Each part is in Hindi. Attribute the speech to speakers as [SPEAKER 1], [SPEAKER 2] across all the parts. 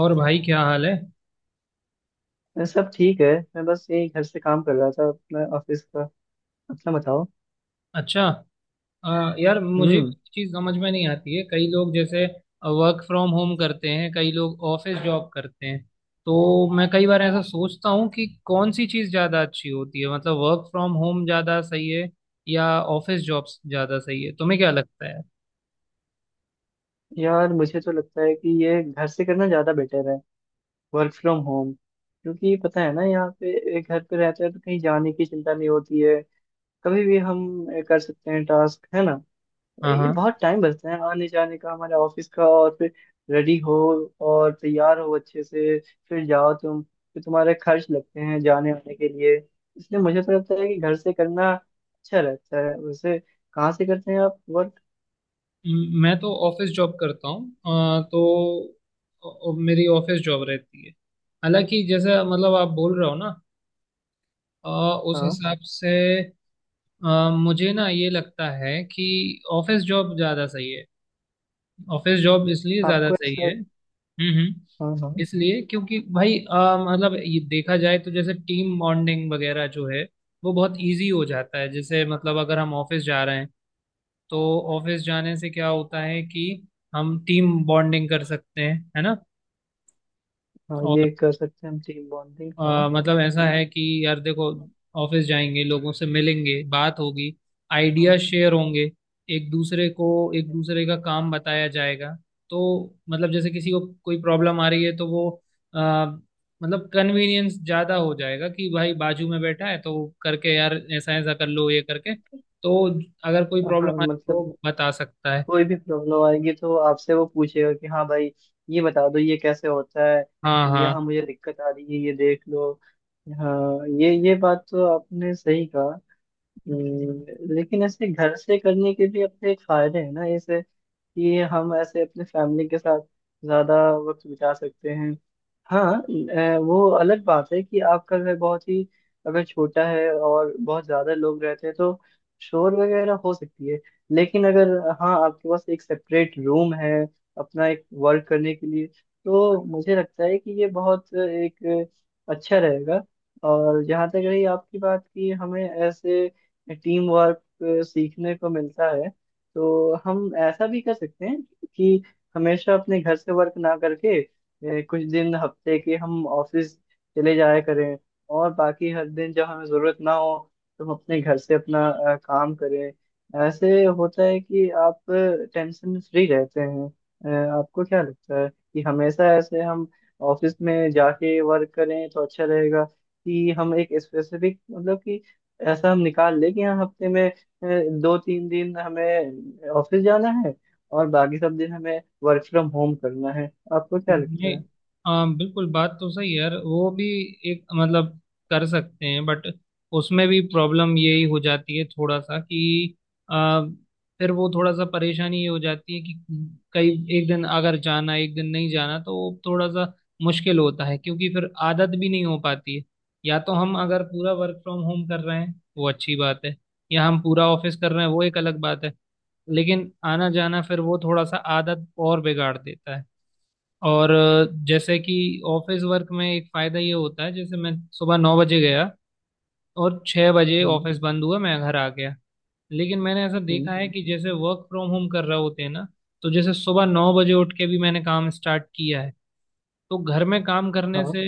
[SPEAKER 1] और भाई क्या हाल है।
[SPEAKER 2] सब ठीक है। मैं बस यही घर से काम कर रहा था अपना ऑफिस का। अपना बताओ।
[SPEAKER 1] अच्छा। यार मुझे एक
[SPEAKER 2] हम्म।
[SPEAKER 1] चीज़ समझ में नहीं आती है, कई लोग जैसे वर्क फ्रॉम होम करते हैं, कई लोग ऑफिस जॉब करते हैं। तो मैं कई बार ऐसा सोचता हूँ कि कौन सी चीज़ ज़्यादा अच्छी होती है, मतलब वर्क फ्रॉम होम ज़्यादा सही है या ऑफिस जॉब ज़्यादा सही है? तुम्हें क्या लगता है?
[SPEAKER 2] यार मुझे तो लगता है कि ये घर से करना ज़्यादा बेटर है, वर्क फ्रॉम होम, क्योंकि पता है ना यहाँ पे घर पे रहते हैं तो कहीं जाने की चिंता नहीं होती है। कभी भी हम कर सकते हैं टास्क, है ना।
[SPEAKER 1] हाँ
[SPEAKER 2] ये
[SPEAKER 1] हाँ।
[SPEAKER 2] बहुत टाइम बचता है आने जाने का हमारे ऑफिस का। और फिर रेडी हो और तैयार हो अच्छे से फिर जाओ तुम, फिर तुम्हारे खर्च लगते हैं जाने आने के लिए। इसलिए मुझे तो लगता है कि घर से करना अच्छा रहता है। वैसे कहाँ से करते हैं आप वर्क?
[SPEAKER 1] मैं तो ऑफिस जॉब करता हूँ। तो मेरी ऑफिस जॉब रहती है। हालांकि जैसे मतलब आप बोल रहे हो ना, अ, उस
[SPEAKER 2] हाँ।
[SPEAKER 1] हिसाब से मुझे ना ये लगता है कि ऑफिस जॉब ज़्यादा सही है। ऑफिस जॉब इसलिए ज़्यादा
[SPEAKER 2] आपको
[SPEAKER 1] सही है।
[SPEAKER 2] ऐसा?
[SPEAKER 1] हम्म।
[SPEAKER 2] हाँ हाँ।
[SPEAKER 1] इसलिए क्योंकि भाई मतलब ये देखा जाए तो जैसे टीम बॉन्डिंग वगैरह जो है, वो बहुत इजी हो जाता है। जैसे मतलब अगर हम ऑफिस जा रहे हैं तो ऑफिस जाने से क्या होता है कि हम टीम बॉन्डिंग कर सकते हैं, है ना?
[SPEAKER 2] हाँ ये कर सकते हैं हम, टीम बॉन्डिंग, हाँ।
[SPEAKER 1] मतलब ऐसा है कि यार देखो, ऑफिस जाएंगे, लोगों से मिलेंगे, बात होगी,
[SPEAKER 2] हाँ
[SPEAKER 1] आइडिया शेयर होंगे, एक दूसरे को, एक दूसरे का काम बताया जाएगा। तो मतलब जैसे किसी को कोई प्रॉब्लम आ रही है तो वो अ, मतलब कन्वीनियंस ज़्यादा हो जाएगा कि भाई बाजू में बैठा है तो करके यार ऐसा ऐसा कर लो ये करके। तो अगर कोई
[SPEAKER 2] हाँ,
[SPEAKER 1] प्रॉब्लम आए
[SPEAKER 2] मतलब
[SPEAKER 1] तो बता सकता है।
[SPEAKER 2] कोई भी प्रॉब्लम आएगी तो आपसे वो पूछेगा कि हाँ भाई ये बता दो ये कैसे होता है,
[SPEAKER 1] हाँ हाँ।
[SPEAKER 2] यहाँ मुझे दिक्कत आ रही है ये देख लो। हाँ ये बात तो आपने सही कहा। लेकिन ऐसे घर से करने के भी अपने एक फायदे हैं ना, ऐसे कि हम ऐसे अपने फैमिली के साथ ज्यादा वक्त बिता सकते हैं। हाँ वो अलग बात है कि आपका घर बहुत ही अगर छोटा है और बहुत ज्यादा लोग रहते हैं तो शोर वगैरह हो सकती है। लेकिन अगर हाँ आपके पास एक सेपरेट रूम है अपना, एक वर्क करने के लिए, तो मुझे लगता है कि ये बहुत एक अच्छा रहेगा। और जहाँ तक रही आपकी बात कि हमें ऐसे टीम वर्क सीखने को मिलता है, तो हम ऐसा भी कर सकते हैं कि हमेशा अपने घर से वर्क ना करके कुछ दिन हफ्ते के हम ऑफिस चले जाया करें। और बाकी हर दिन जब हमें ज़रूरत ना हो तो हम अपने घर से अपना काम करें। ऐसे होता है कि आप टेंशन फ्री रहते हैं। अ, आपको क्या लगता है कि हमेशा ऐसे हम ऑफिस में जाके वर्क करें तो अच्छा रहेगा, कि हम एक स्पेसिफिक मतलब कि ऐसा हम निकाल लें कि हाँ हफ्ते में दो तीन दिन हमें ऑफिस जाना है और बाकी सब दिन हमें वर्क फ्रॉम होम करना है? आपको क्या लगता
[SPEAKER 1] नहीं,
[SPEAKER 2] है?
[SPEAKER 1] हाँ बिल्कुल बात तो सही है यार, वो भी एक मतलब कर सकते हैं, बट उसमें भी प्रॉब्लम यही हो जाती है थोड़ा सा कि आ, फिर वो थोड़ा सा परेशानी ये हो जाती है कि कई एक दिन अगर जाना एक दिन नहीं जाना, तो वो थोड़ा सा मुश्किल होता है, क्योंकि फिर आदत भी नहीं हो पाती है। या तो हम अगर पूरा वर्क फ्रॉम होम कर रहे हैं वो अच्छी बात है, या हम पूरा ऑफिस कर रहे हैं वो एक अलग बात है। लेकिन आना जाना फिर वो थोड़ा सा आदत और बिगाड़ देता है। और जैसे कि ऑफिस वर्क में एक फायदा ये होता है, जैसे मैं सुबह 9 बजे गया और 6 बजे
[SPEAKER 2] हम्म।
[SPEAKER 1] ऑफिस बंद हुआ, मैं घर आ गया। लेकिन मैंने ऐसा
[SPEAKER 2] हम्म,
[SPEAKER 1] देखा है कि जैसे वर्क फ्रॉम होम कर रहे होते हैं ना, तो जैसे सुबह 9 बजे उठ के भी मैंने काम स्टार्ट किया है। तो घर में काम करने
[SPEAKER 2] हाँ
[SPEAKER 1] से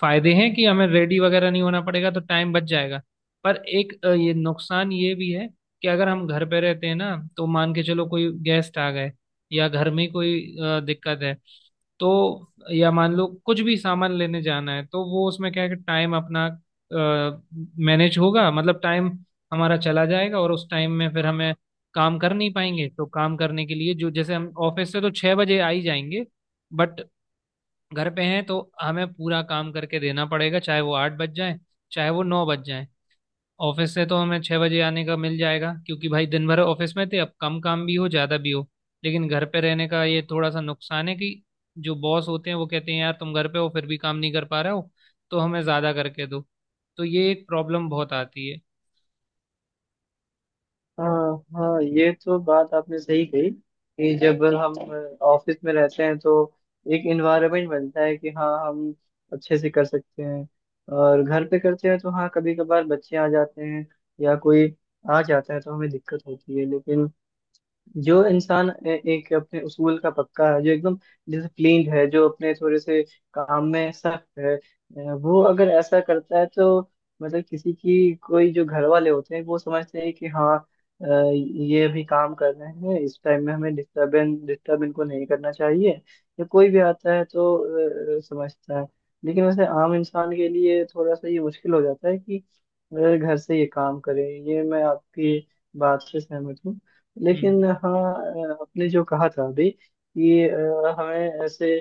[SPEAKER 1] फायदे हैं कि हमें रेडी वगैरह नहीं होना पड़ेगा तो टाइम बच जाएगा। पर एक ये नुकसान ये भी है कि अगर हम घर पे रहते हैं ना तो मान के चलो कोई गेस्ट आ गए या घर में ही कोई दिक्कत है, तो या मान लो कुछ भी सामान लेने जाना है, तो वो उसमें क्या है कि टाइम अपना मैनेज होगा, मतलब टाइम हमारा चला जाएगा और उस टाइम में फिर हमें काम कर नहीं पाएंगे। तो काम करने के लिए जो जैसे हम ऑफिस से तो 6 बजे आ ही जाएंगे, बट घर पे हैं तो हमें पूरा काम करके देना पड़ेगा, चाहे वो 8 बज जाए चाहे वो 9 बज जाए। ऑफिस से तो हमें 6 बजे आने का मिल जाएगा, क्योंकि भाई दिन भर ऑफिस में थे, अब कम काम भी हो ज्यादा भी हो। लेकिन घर पे रहने का ये थोड़ा सा नुकसान है कि जो बॉस होते हैं वो कहते हैं यार तुम घर पे हो फिर भी काम नहीं कर पा रहे हो, तो हमें ज्यादा करके दो। तो ये एक प्रॉब्लम बहुत आती है।
[SPEAKER 2] हाँ। हाँ ये तो बात आपने सही कही कि जब हम ऑफिस में रहते हैं तो एक इन्वायरमेंट बनता है कि हाँ हम अच्छे से कर सकते हैं। और घर पे करते हैं तो हाँ कभी कभार बच्चे आ जाते हैं या कोई आ जाता है तो हमें दिक्कत होती है। लेकिन जो इंसान एक अपने उसूल का पक्का है, जो एकदम डिसिप्लिन्ड है, जो अपने थोड़े से काम में सख्त है, वो अगर ऐसा करता है तो मतलब किसी की कोई जो घर वाले होते हैं वो समझते हैं कि हाँ ये अभी काम कर रहे हैं, इस टाइम में हमें डिस्टर्बेंस डिस्टर्ब इनको नहीं करना चाहिए। या कोई भी आता है तो समझता है। लेकिन वैसे आम इंसान के लिए थोड़ा सा ये मुश्किल हो जाता है कि घर से ये काम करें, ये मैं आपकी बात से सहमत हूँ।
[SPEAKER 1] हम्म।
[SPEAKER 2] लेकिन हाँ आपने जो कहा था अभी कि हमें ऐसे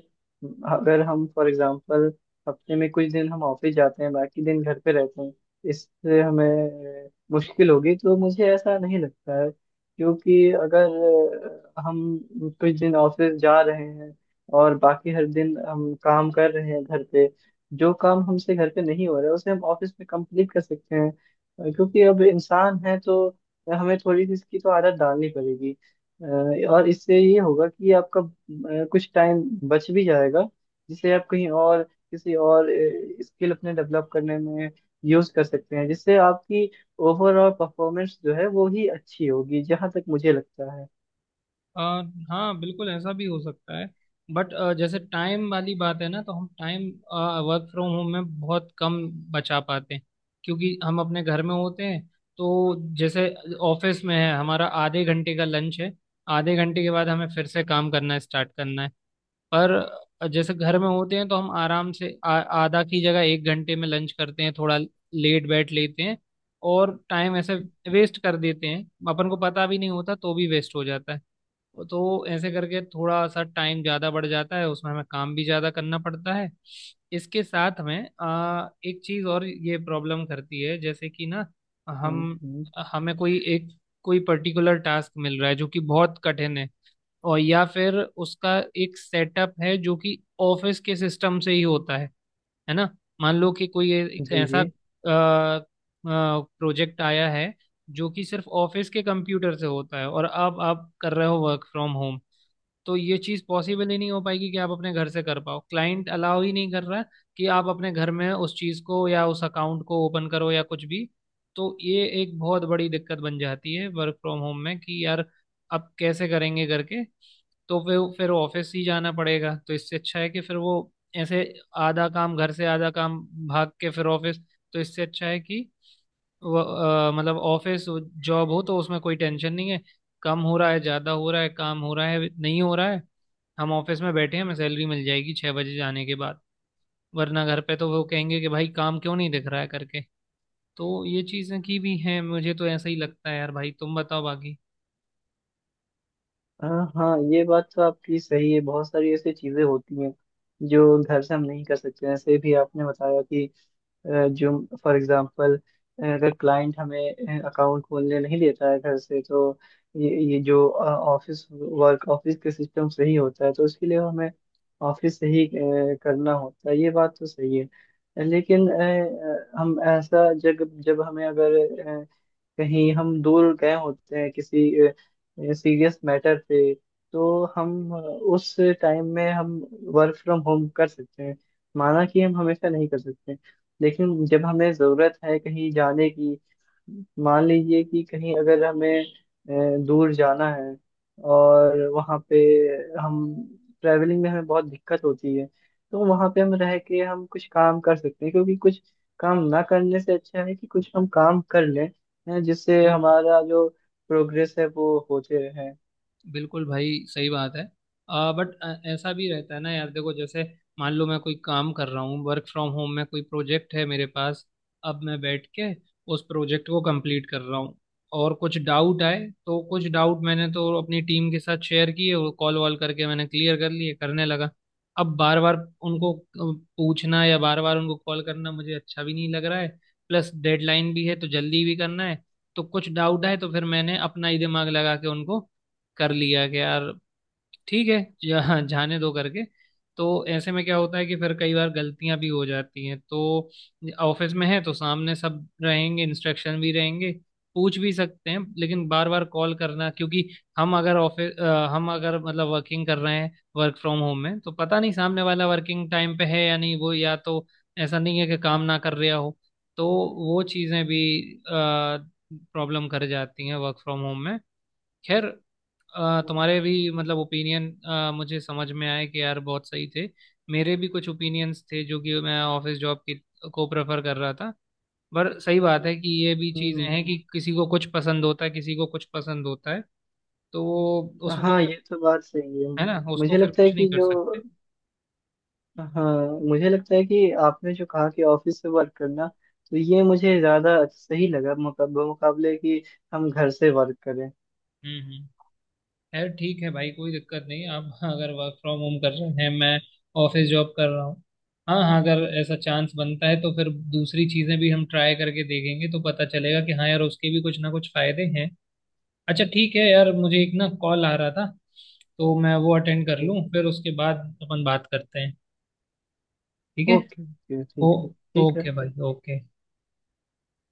[SPEAKER 2] अगर हम फॉर एग्जांपल हफ्ते में कुछ दिन हम ऑफिस जाते हैं बाकी दिन घर पे रहते हैं, इससे हमें मुश्किल होगी तो मुझे ऐसा नहीं लगता है। क्योंकि अगर हम कुछ दिन ऑफिस जा रहे हैं और बाकी हर दिन हम काम कर रहे हैं घर पे, जो काम हमसे घर पे नहीं हो रहा है उसे हम ऑफिस में कंप्लीट कर सकते हैं। क्योंकि अब इंसान है तो हमें थोड़ी सी इसकी तो आदत डालनी पड़ेगी। अ, और इससे ये होगा कि आपका कुछ टाइम बच भी जाएगा, जिसे आप कहीं और किसी और स्किल अपने डेवलप करने में यूज कर सकते हैं, जिससे आपकी ओवरऑल परफॉर्मेंस जो है वो ही अच्छी होगी, जहां तक मुझे लगता है।
[SPEAKER 1] अ, हाँ बिल्कुल ऐसा भी हो सकता है, बट जैसे टाइम वाली बात है ना, तो हम टाइम वर्क फ्रॉम होम में बहुत कम बचा पाते हैं, क्योंकि हम अपने घर में होते हैं। तो जैसे ऑफिस में है हमारा आधे घंटे का लंच है, आधे घंटे के बाद हमें फिर से काम करना स्टार्ट करना है। पर जैसे घर में होते हैं तो हम आराम से आधा की जगह 1 घंटे में लंच करते हैं, थोड़ा लेट बैठ लेते हैं और टाइम ऐसे वेस्ट कर देते हैं। अपन को पता भी नहीं होता तो भी वेस्ट हो जाता है। तो ऐसे करके थोड़ा सा टाइम ज़्यादा बढ़ जाता है, उसमें हमें काम भी ज़्यादा करना पड़ता है। इसके साथ में एक चीज़ और ये प्रॉब्लम करती है, जैसे कि ना हम
[SPEAKER 2] हम्म।
[SPEAKER 1] हमें कोई एक कोई पर्टिकुलर टास्क मिल रहा है जो कि बहुत कठिन है, और या फिर उसका एक सेटअप है जो कि ऑफिस के सिस्टम से ही होता है ना? मान लो कि कोई एक
[SPEAKER 2] जी
[SPEAKER 1] ऐसा
[SPEAKER 2] जी।
[SPEAKER 1] प्रोजेक्ट आया है जो कि सिर्फ ऑफिस के कंप्यूटर से होता है, और अब आप कर रहे हो वर्क फ्रॉम होम। तो ये चीज़ पॉसिबल ही नहीं हो पाएगी कि आप अपने घर से कर पाओ, क्लाइंट अलाउ ही नहीं कर रहा कि आप अपने घर में उस चीज़ को या उस अकाउंट को ओपन करो या कुछ भी। तो ये एक बहुत बड़ी दिक्कत बन जाती है वर्क फ्रॉम होम में कि यार अब कैसे करेंगे करके। तो फिर ऑफिस ही जाना पड़ेगा, तो इससे अच्छा है कि फिर वो ऐसे आधा काम घर से, आधा काम भाग के फिर ऑफिस। तो इससे अच्छा है कि मतलब ऑफिस जॉब हो तो उसमें कोई टेंशन नहीं है, कम हो रहा है ज़्यादा हो रहा है, काम हो रहा है नहीं हो रहा है, हम ऑफिस में बैठे हैं, हमें सैलरी मिल जाएगी 6 बजे जाने के बाद। वरना घर पे तो वो कहेंगे कि भाई काम क्यों नहीं दिख रहा है करके। तो ये चीज़ें की भी हैं, मुझे तो ऐसा ही लगता है यार, भाई तुम बताओ बाकी।
[SPEAKER 2] अ, हाँ ये बात तो आपकी सही है। बहुत सारी ऐसी चीजें होती हैं जो घर से हम नहीं कर सकते, जैसे भी आपने बताया कि जो फॉर एग्जांपल अगर क्लाइंट हमें अकाउंट खोलने नहीं देता है घर से, तो ये जो ऑफिस वर्क ऑफिस के सिस्टम से ही होता है तो उसके लिए हमें ऑफिस से ही करना होता है, ये बात तो सही है। लेकिन हम ऐसा जब जब हमें अगर कहीं हम दूर गए होते हैं किसी सीरियस मैटर पे तो हम उस टाइम में हम वर्क फ्रॉम होम कर सकते हैं। माना कि हम हमेशा नहीं कर सकते, लेकिन जब हमें ज़रूरत है कहीं जाने की, मान लीजिए कि कहीं अगर हमें दूर जाना है और वहाँ पे हम ट्रैवलिंग में हमें बहुत दिक्कत होती है, तो वहाँ पे हम रह के हम कुछ काम कर सकते हैं। क्योंकि कुछ काम ना करने से अच्छा है कि कुछ हम काम कर लें, हैं जिससे हमारा जो प्रोग्रेस है वो होते रहे।
[SPEAKER 1] बिल्कुल भाई सही बात है। बट ऐसा भी रहता है ना यार देखो, जैसे मान लो मैं कोई काम कर रहा हूँ वर्क फ्रॉम होम में, कोई प्रोजेक्ट है मेरे पास, अब मैं बैठ के उस प्रोजेक्ट को कंप्लीट कर रहा हूँ, और कुछ डाउट आए। तो कुछ डाउट मैंने तो अपनी टीम के साथ शेयर किए और कॉल वॉल करके मैंने क्लियर कर लिए, करने लगा। अब बार बार उनको पूछना या बार बार उनको कॉल करना मुझे अच्छा भी नहीं लग रहा है, प्लस डेडलाइन भी है तो जल्दी भी करना है। तो कुछ डाउट आए तो फिर मैंने अपना ही दिमाग लगा के उनको कर लिया कि यार ठीक है जाने दो करके। तो ऐसे में क्या होता है कि फिर कई बार गलतियां भी हो जाती हैं। तो ऑफिस में है तो सामने सब रहेंगे, इंस्ट्रक्शन भी रहेंगे, पूछ भी सकते हैं। लेकिन बार बार कॉल करना, क्योंकि हम अगर ऑफिस हम अगर मतलब वर्किंग कर रहे हैं वर्क फ्रॉम होम में, तो पता नहीं सामने वाला वर्किंग टाइम पे है या नहीं, वो या तो ऐसा नहीं है कि काम ना कर रहा हो। तो वो चीज़ें भी प्रॉब्लम कर जाती हैं वर्क फ्रॉम होम में। खैर, तुम्हारे भी मतलब ओपिनियन मुझे समझ में आए कि यार बहुत सही थे। मेरे भी कुछ ओपिनियंस थे जो कि मैं ऑफिस जॉब की को प्रेफर कर रहा था। पर सही बात है कि ये भी चीज़ें
[SPEAKER 2] हम्म।
[SPEAKER 1] हैं कि किसी को कुछ पसंद होता है किसी को कुछ पसंद होता है। तो वो उसको
[SPEAKER 2] हाँ
[SPEAKER 1] फिर,
[SPEAKER 2] ये तो बात सही है।
[SPEAKER 1] है ना, उसको
[SPEAKER 2] मुझे
[SPEAKER 1] फिर
[SPEAKER 2] लगता है
[SPEAKER 1] कुछ नहीं
[SPEAKER 2] कि
[SPEAKER 1] कर
[SPEAKER 2] जो,
[SPEAKER 1] सकते।
[SPEAKER 2] हाँ, मुझे लगता है कि आपने जो कहा कि ऑफिस से वर्क करना, तो ये मुझे ज्यादा सही लगा मुकाबले मुकाबले कि हम घर से वर्क करें।
[SPEAKER 1] हम्म। खैर ठीक है भाई, कोई दिक्कत नहीं। आप अगर वर्क फ्रॉम होम कर रहे हैं, मैं ऑफिस जॉब कर रहा हूँ। हाँ हाँ, अगर ऐसा चांस बनता है तो फिर दूसरी चीज़ें भी हम ट्राई करके देखेंगे तो पता चलेगा कि हाँ यार उसके भी कुछ ना कुछ फायदे हैं। अच्छा ठीक है यार, मुझे एक ना कॉल आ रहा था, तो मैं वो अटेंड कर
[SPEAKER 2] ठीक।
[SPEAKER 1] लूँ फिर उसके बाद अपन बात करते हैं। ठीक है?
[SPEAKER 2] ओके ओके,
[SPEAKER 1] ओ
[SPEAKER 2] ठीक है। ठीक है।
[SPEAKER 1] ओके भाई, ओके।